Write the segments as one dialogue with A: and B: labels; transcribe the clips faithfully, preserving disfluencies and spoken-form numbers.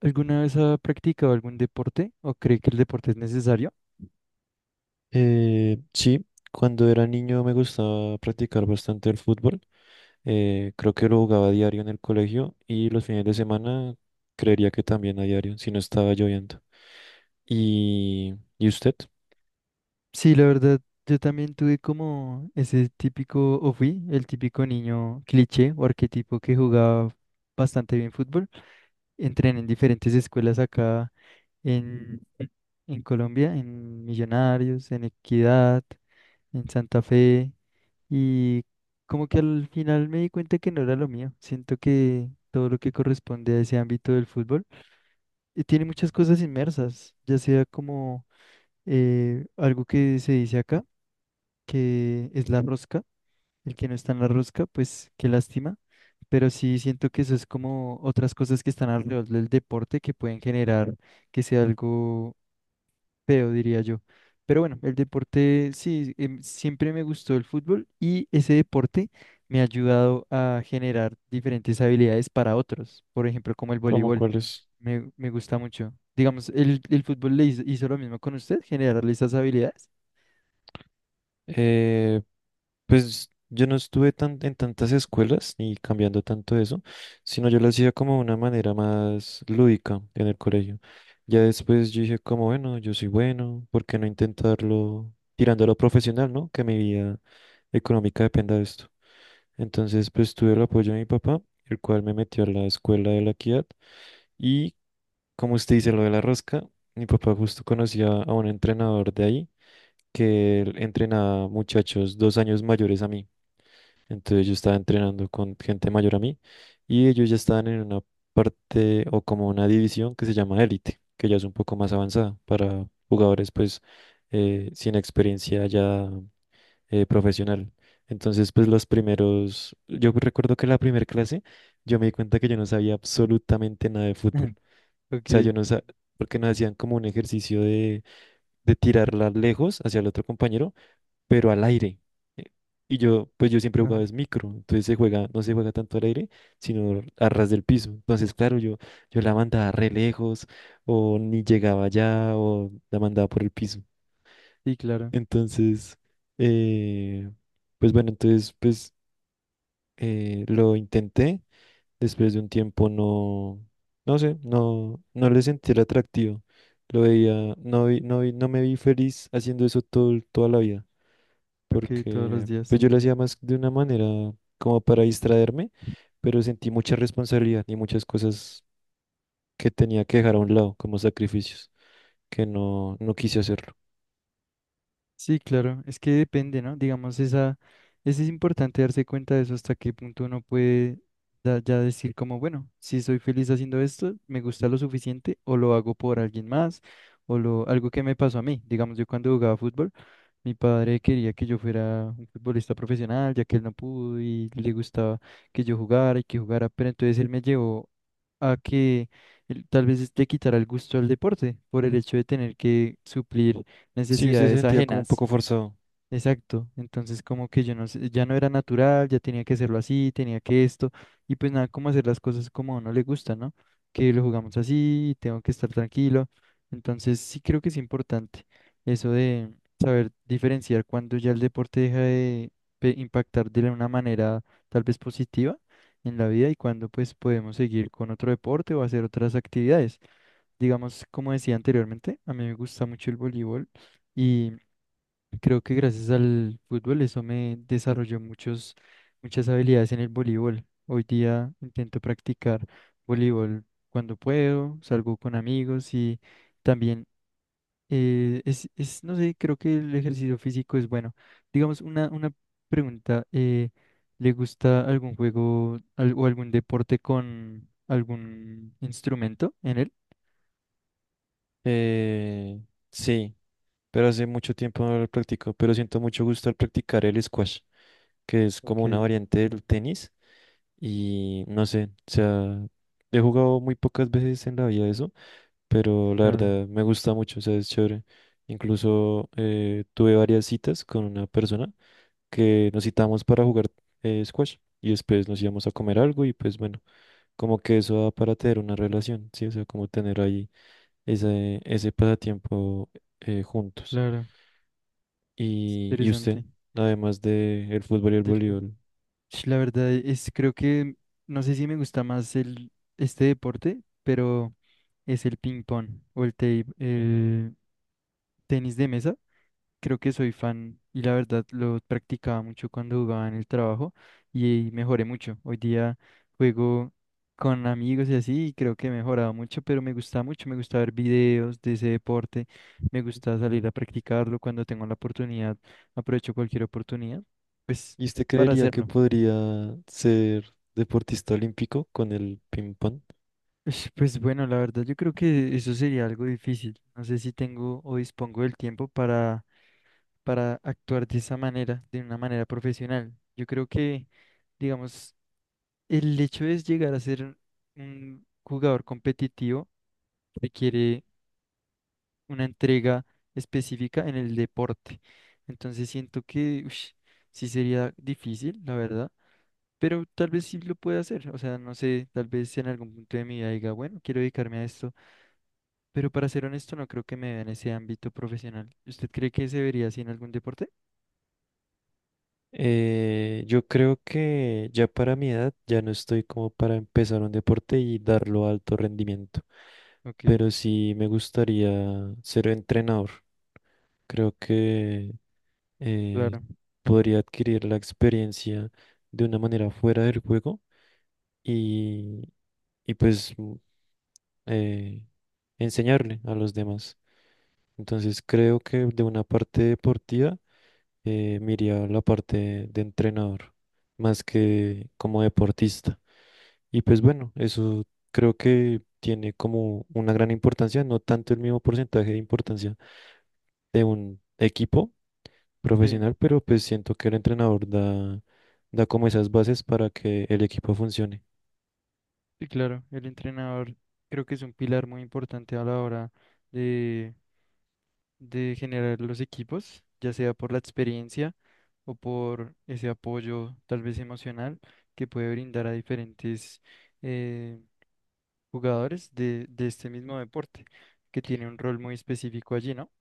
A: ¿Alguna vez ha practicado algún deporte o cree que el deporte es necesario?
B: Eh, sí, cuando era niño me gustaba practicar bastante el fútbol. Eh, creo que lo jugaba a diario en el colegio y los fines de semana creería que también a diario, si no estaba lloviendo. ¿Y, y usted?
A: Sí, la verdad, yo también tuve como ese típico, o fui el típico niño cliché o arquetipo que jugaba bastante bien fútbol. Entrené en diferentes escuelas acá en, en Colombia, en Millonarios, en Equidad, en Santa Fe. Y como que al final me di cuenta que no era lo mío. Siento que todo lo que corresponde a ese ámbito del fútbol eh, tiene muchas cosas inmersas, ya sea como eh, algo que se dice acá, que es la rosca, el que no está en la rosca, pues qué lástima, pero sí siento que eso es como otras cosas que están alrededor del deporte que pueden generar que sea algo feo, diría yo. Pero bueno, el deporte sí, em, siempre me gustó el fútbol y ese deporte me ha ayudado a generar diferentes habilidades para otros, por ejemplo, como el
B: ¿Cómo
A: voleibol.
B: cuáles?
A: Me, me gusta mucho. Digamos, el, el fútbol le hizo, hizo lo mismo con usted, generarle esas habilidades.
B: Pues yo no estuve tan, en tantas escuelas ni cambiando tanto eso, sino yo lo hacía como de una manera más lúdica en el colegio. Ya después yo dije como, bueno, yo soy bueno, ¿por qué no intentarlo tirando a lo profesional, ¿no? Que mi vida económica dependa de esto. Entonces, pues tuve el apoyo de mi papá, el cual me metió a la escuela de la Equidad y, como usted dice, lo de la rosca, mi papá justo conocía a un entrenador de ahí que él entrenaba muchachos dos años mayores a mí. Entonces yo estaba entrenando con gente mayor a mí y ellos ya estaban en una parte o como una división que se llama élite, que ya es un poco más avanzada para jugadores pues eh, sin experiencia ya eh, profesional. Entonces pues los primeros, yo recuerdo que la primera clase yo me di cuenta que yo no sabía absolutamente nada de fútbol.
A: Ok.
B: O sea, yo no sabía, porque nos hacían como un ejercicio de, de tirarla lejos hacia el otro compañero pero al aire. Eh, Y yo, pues yo siempre he
A: Ah,
B: jugado es micro, entonces se juega, no se juega tanto al aire, sino a ras del piso. Entonces, claro, yo, yo la mandaba re lejos, o ni llegaba allá, o la mandaba por el piso.
A: sí, claro.
B: Entonces, eh, pues bueno, entonces, pues eh, lo intenté. Después de un tiempo no, no sé, no, no le sentí el atractivo. Lo veía, no vi- no vi- no me vi feliz haciendo eso todo, toda la vida
A: Ok, todos los
B: porque
A: días,
B: pues yo lo
A: sí.
B: hacía más de una manera como para distraerme, pero sentí mucha responsabilidad y muchas cosas que tenía que dejar a un lado como sacrificios, que no, no quise hacerlo.
A: Sí, claro, es que depende, ¿no? Digamos, esa, es es importante darse cuenta de eso hasta qué punto uno puede da- ya decir como, bueno, si soy feliz haciendo esto, me gusta lo suficiente o lo hago por alguien más o lo, algo que me pasó a mí. Digamos, yo cuando jugaba fútbol, mi padre quería que yo fuera un futbolista profesional, ya que él no pudo y le gustaba que yo jugara y que jugara, pero entonces él me llevó a que él tal vez le quitara el gusto al deporte por el hecho de tener que suplir
B: Sí, usted se
A: necesidades
B: sentía como un
A: ajenas.
B: poco forzado.
A: Exacto. Entonces, como que yo no sé, ya no era natural, ya tenía que hacerlo así, tenía que esto, y pues nada, como hacer las cosas como a uno le gusta, ¿no? Que lo jugamos así, tengo que estar tranquilo. Entonces, sí creo que es importante eso de saber diferenciar cuando ya el deporte deja de pe- impactar de una manera tal vez positiva en la vida y cuando pues podemos seguir con otro deporte o hacer otras actividades. Digamos, como decía anteriormente, a mí me gusta mucho el voleibol. Y creo que gracias al fútbol eso me desarrolló muchos, muchas habilidades en el voleibol. Hoy día intento practicar voleibol cuando puedo, salgo con amigos y también eh, es, es, no sé, creo que el ejercicio físico es bueno. Digamos, una, una pregunta, eh, ¿le gusta algún juego al- o algún deporte con algún instrumento en él?
B: Eh, sí, pero hace mucho tiempo no lo practico, pero siento mucho gusto al practicar el squash, que es como
A: Ok,
B: una variante del tenis y no sé, o sea, he jugado muy pocas veces en la vida eso, pero la
A: claro,
B: verdad me gusta mucho, o sea, es chévere. Incluso eh, tuve varias citas con una persona que nos citamos para jugar eh, squash y después nos íbamos a comer algo y pues bueno, como que eso da para tener una relación, ¿sí? O sea, como tener ahí ese, ese pasatiempo eh, juntos.
A: claro, es
B: ¿Y, y usted,
A: interesante.
B: además de el fútbol y el voleibol,
A: Sh, la verdad es, creo que, no sé si me gusta más el, este deporte, pero es el ping pong o el, te- el tenis de mesa. Creo que soy fan y la verdad lo practicaba mucho cuando jugaba en el trabajo y mejoré mucho. Hoy día juego con amigos y así y creo que he mejorado mucho, pero me gusta mucho, me gusta ver videos de ese deporte, me gusta salir a practicarlo cuando tengo la oportunidad, aprovecho cualquier oportunidad, pues
B: ¿y usted
A: para
B: creería que
A: hacerlo.
B: podría ser deportista olímpico con el ping pong?
A: Ush, pues bueno, la verdad yo creo que eso sería algo difícil. No sé si tengo o dispongo del tiempo para, para actuar de esa manera, de una manera profesional. Yo creo que, digamos, el hecho de llegar a ser un jugador competitivo requiere una entrega específica en el deporte. Entonces siento que ush, sí sería difícil, la verdad, pero tal vez sí lo pueda hacer. O sea, no sé, tal vez en algún punto de mi vida diga, bueno, quiero dedicarme a esto. Pero para ser honesto, no creo que me vea en ese ámbito profesional. ¿Usted cree que se vería así en algún deporte?
B: Eh, yo creo que ya para mi edad ya no estoy como para empezar un deporte y darlo a alto rendimiento,
A: Ok,
B: pero sí me gustaría ser entrenador. Creo que eh,
A: claro.
B: podría adquirir la experiencia de una manera fuera del juego y, y pues eh, enseñarle a los demás. Entonces creo que de una parte deportiva eh, me iría a la parte de entrenador, más que como deportista. Y pues bueno, eso creo que tiene como una gran importancia, no tanto el mismo porcentaje de importancia de un equipo
A: Sí,
B: profesional, pero pues siento que el entrenador da, da como esas bases para que el equipo funcione.
A: sí, claro. El entrenador creo que es un pilar muy importante a la hora de, de generar los equipos, ya sea por la experiencia o por ese apoyo tal vez emocional que puede brindar a diferentes eh, jugadores de, de este mismo deporte, que tiene un rol muy específico allí, ¿no?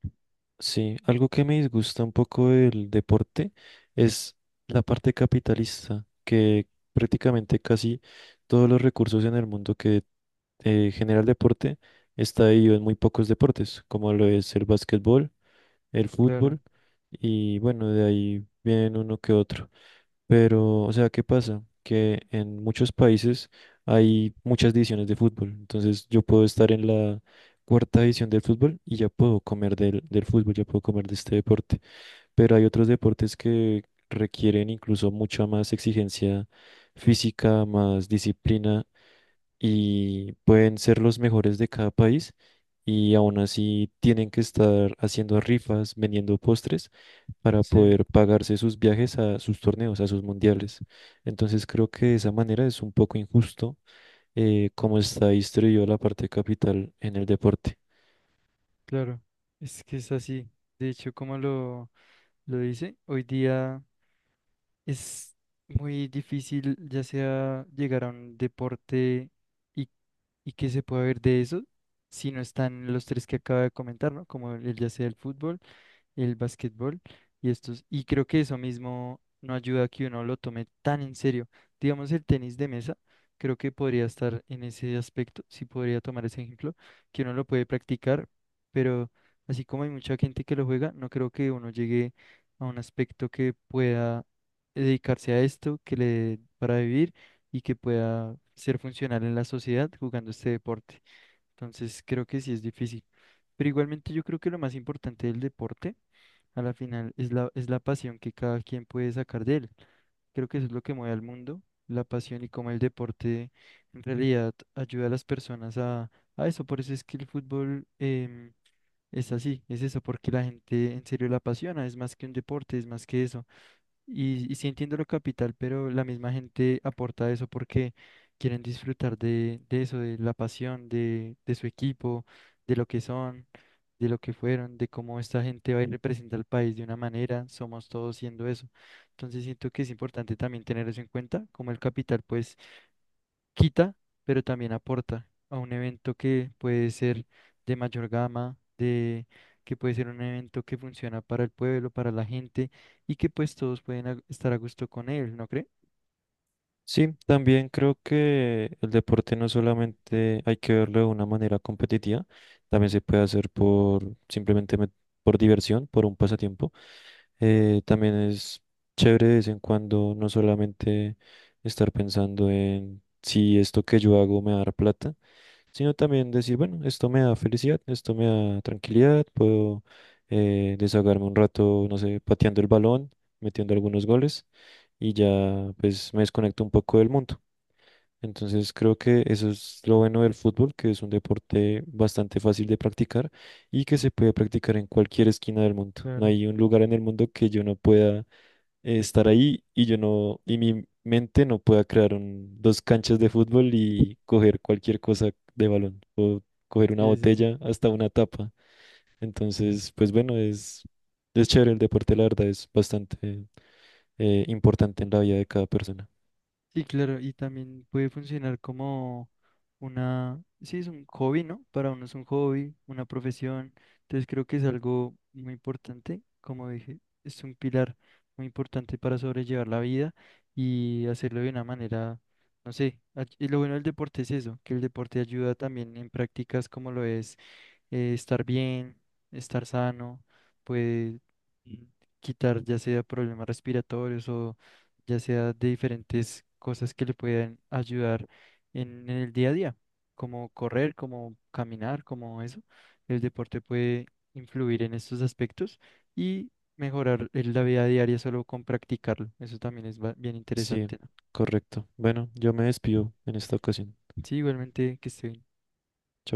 B: Sí, algo que me disgusta un poco del deporte es la parte capitalista, que prácticamente casi todos los recursos en el mundo que eh, genera el deporte está dividido en muy pocos deportes, como lo es el básquetbol, el
A: Claro,
B: fútbol y bueno, de ahí vienen uno que otro. Pero, o sea, ¿qué pasa? Que en muchos países hay muchas divisiones de fútbol. Entonces yo puedo estar en la cuarta división del fútbol y ya puedo comer del, del fútbol, ya puedo comer de este deporte. Pero hay otros deportes que requieren incluso mucha más exigencia física, más disciplina y pueden ser los mejores de cada país y aún así tienen que estar haciendo rifas, vendiendo postres para
A: sí.
B: poder pagarse sus viajes a sus torneos, a sus mundiales. Entonces creo que de esa manera es un poco injusto eh, cómo está distribuida la parte capital en el deporte.
A: Claro, es que es así. De hecho, como lo, lo dice, hoy día es muy difícil ya sea llegar a un deporte y, y que se pueda ver de eso si no están los tres que acaba de comentar, ¿no? Como el ya sea el fútbol, el básquetbol y estos, y creo que eso mismo no ayuda a que uno lo tome tan en serio. Digamos el tenis de mesa, creo que podría estar en ese aspecto, sí podría tomar ese ejemplo, que uno lo puede practicar, pero así como hay mucha gente que lo juega, no creo que uno llegue a un aspecto que pueda dedicarse a esto, que le dé para vivir y que pueda ser funcional en la sociedad jugando este deporte. Entonces creo que sí es difícil. Pero igualmente yo creo que lo más importante del deporte a la final es la, es la pasión que cada quien puede sacar de él. Creo que eso es lo que mueve al mundo, la pasión y cómo el deporte en realidad ayuda a las personas a, a eso. Por eso es que el fútbol em, es así, es eso, porque la gente en serio la apasiona, es más que un deporte, es más que eso. Y, y sí entiendo lo capital, pero la misma gente aporta eso porque quieren disfrutar de, de eso, de la pasión, de, de su equipo, de lo que son, de lo que fueron, de cómo esta gente va y representa al país de una manera, somos todos siendo eso. Entonces siento que es importante también tener eso en cuenta, como el capital pues quita, pero también aporta a un evento que puede ser de mayor gama, de que puede ser un evento que funciona para el pueblo, para la gente y que pues todos pueden a- estar a gusto con él, ¿no cree?
B: Sí, también creo que el deporte no solamente hay que verlo de una manera competitiva, también se puede hacer por simplemente met- por diversión, por un pasatiempo. Eh, también es chévere de vez en cuando no solamente estar pensando en si esto que yo hago me va a dar plata, sino también decir, bueno, esto me da felicidad, esto me da tranquilidad, puedo eh, desahogarme un rato, no sé, pateando el balón, metiendo algunos goles y ya pues me desconecto un poco del mundo. Entonces creo que eso es lo bueno del fútbol, que es un deporte bastante fácil de practicar y que se puede practicar en cualquier esquina del mundo. No
A: Claro.
B: hay un lugar en el mundo que yo no pueda eh, estar ahí y yo no, y mi mente no pueda crear un- dos canchas de fútbol y coger cualquier cosa de balón o coger una
A: Sí, sí.
B: botella hasta una tapa. Entonces, pues bueno, es, es chévere el deporte, la verdad, es bastante eh, importante en la vida de cada persona.
A: Sí, claro, y también puede funcionar como una, sí, es un hobby, ¿no? Para uno es un hobby, una profesión, entonces creo que es algo muy importante, como dije, es un pilar muy importante para sobrellevar la vida y hacerlo de una manera, no sé, ay- y lo bueno del deporte es eso, que el deporte ayuda también en prácticas como lo es eh, estar bien, estar sano, puede mm, quitar ya sea problemas respiratorios o ya sea de diferentes cosas que le puedan ayudar en, en el día a día, como correr, como caminar, como eso. El deporte puede influir en estos aspectos y mejorar el- la vida diaria solo con practicarlo. Eso también es ba- bien
B: Sí,
A: interesante, ¿no?
B: correcto. Bueno, yo me despido en esta ocasión.
A: Sí, igualmente que esté bien.
B: Chao.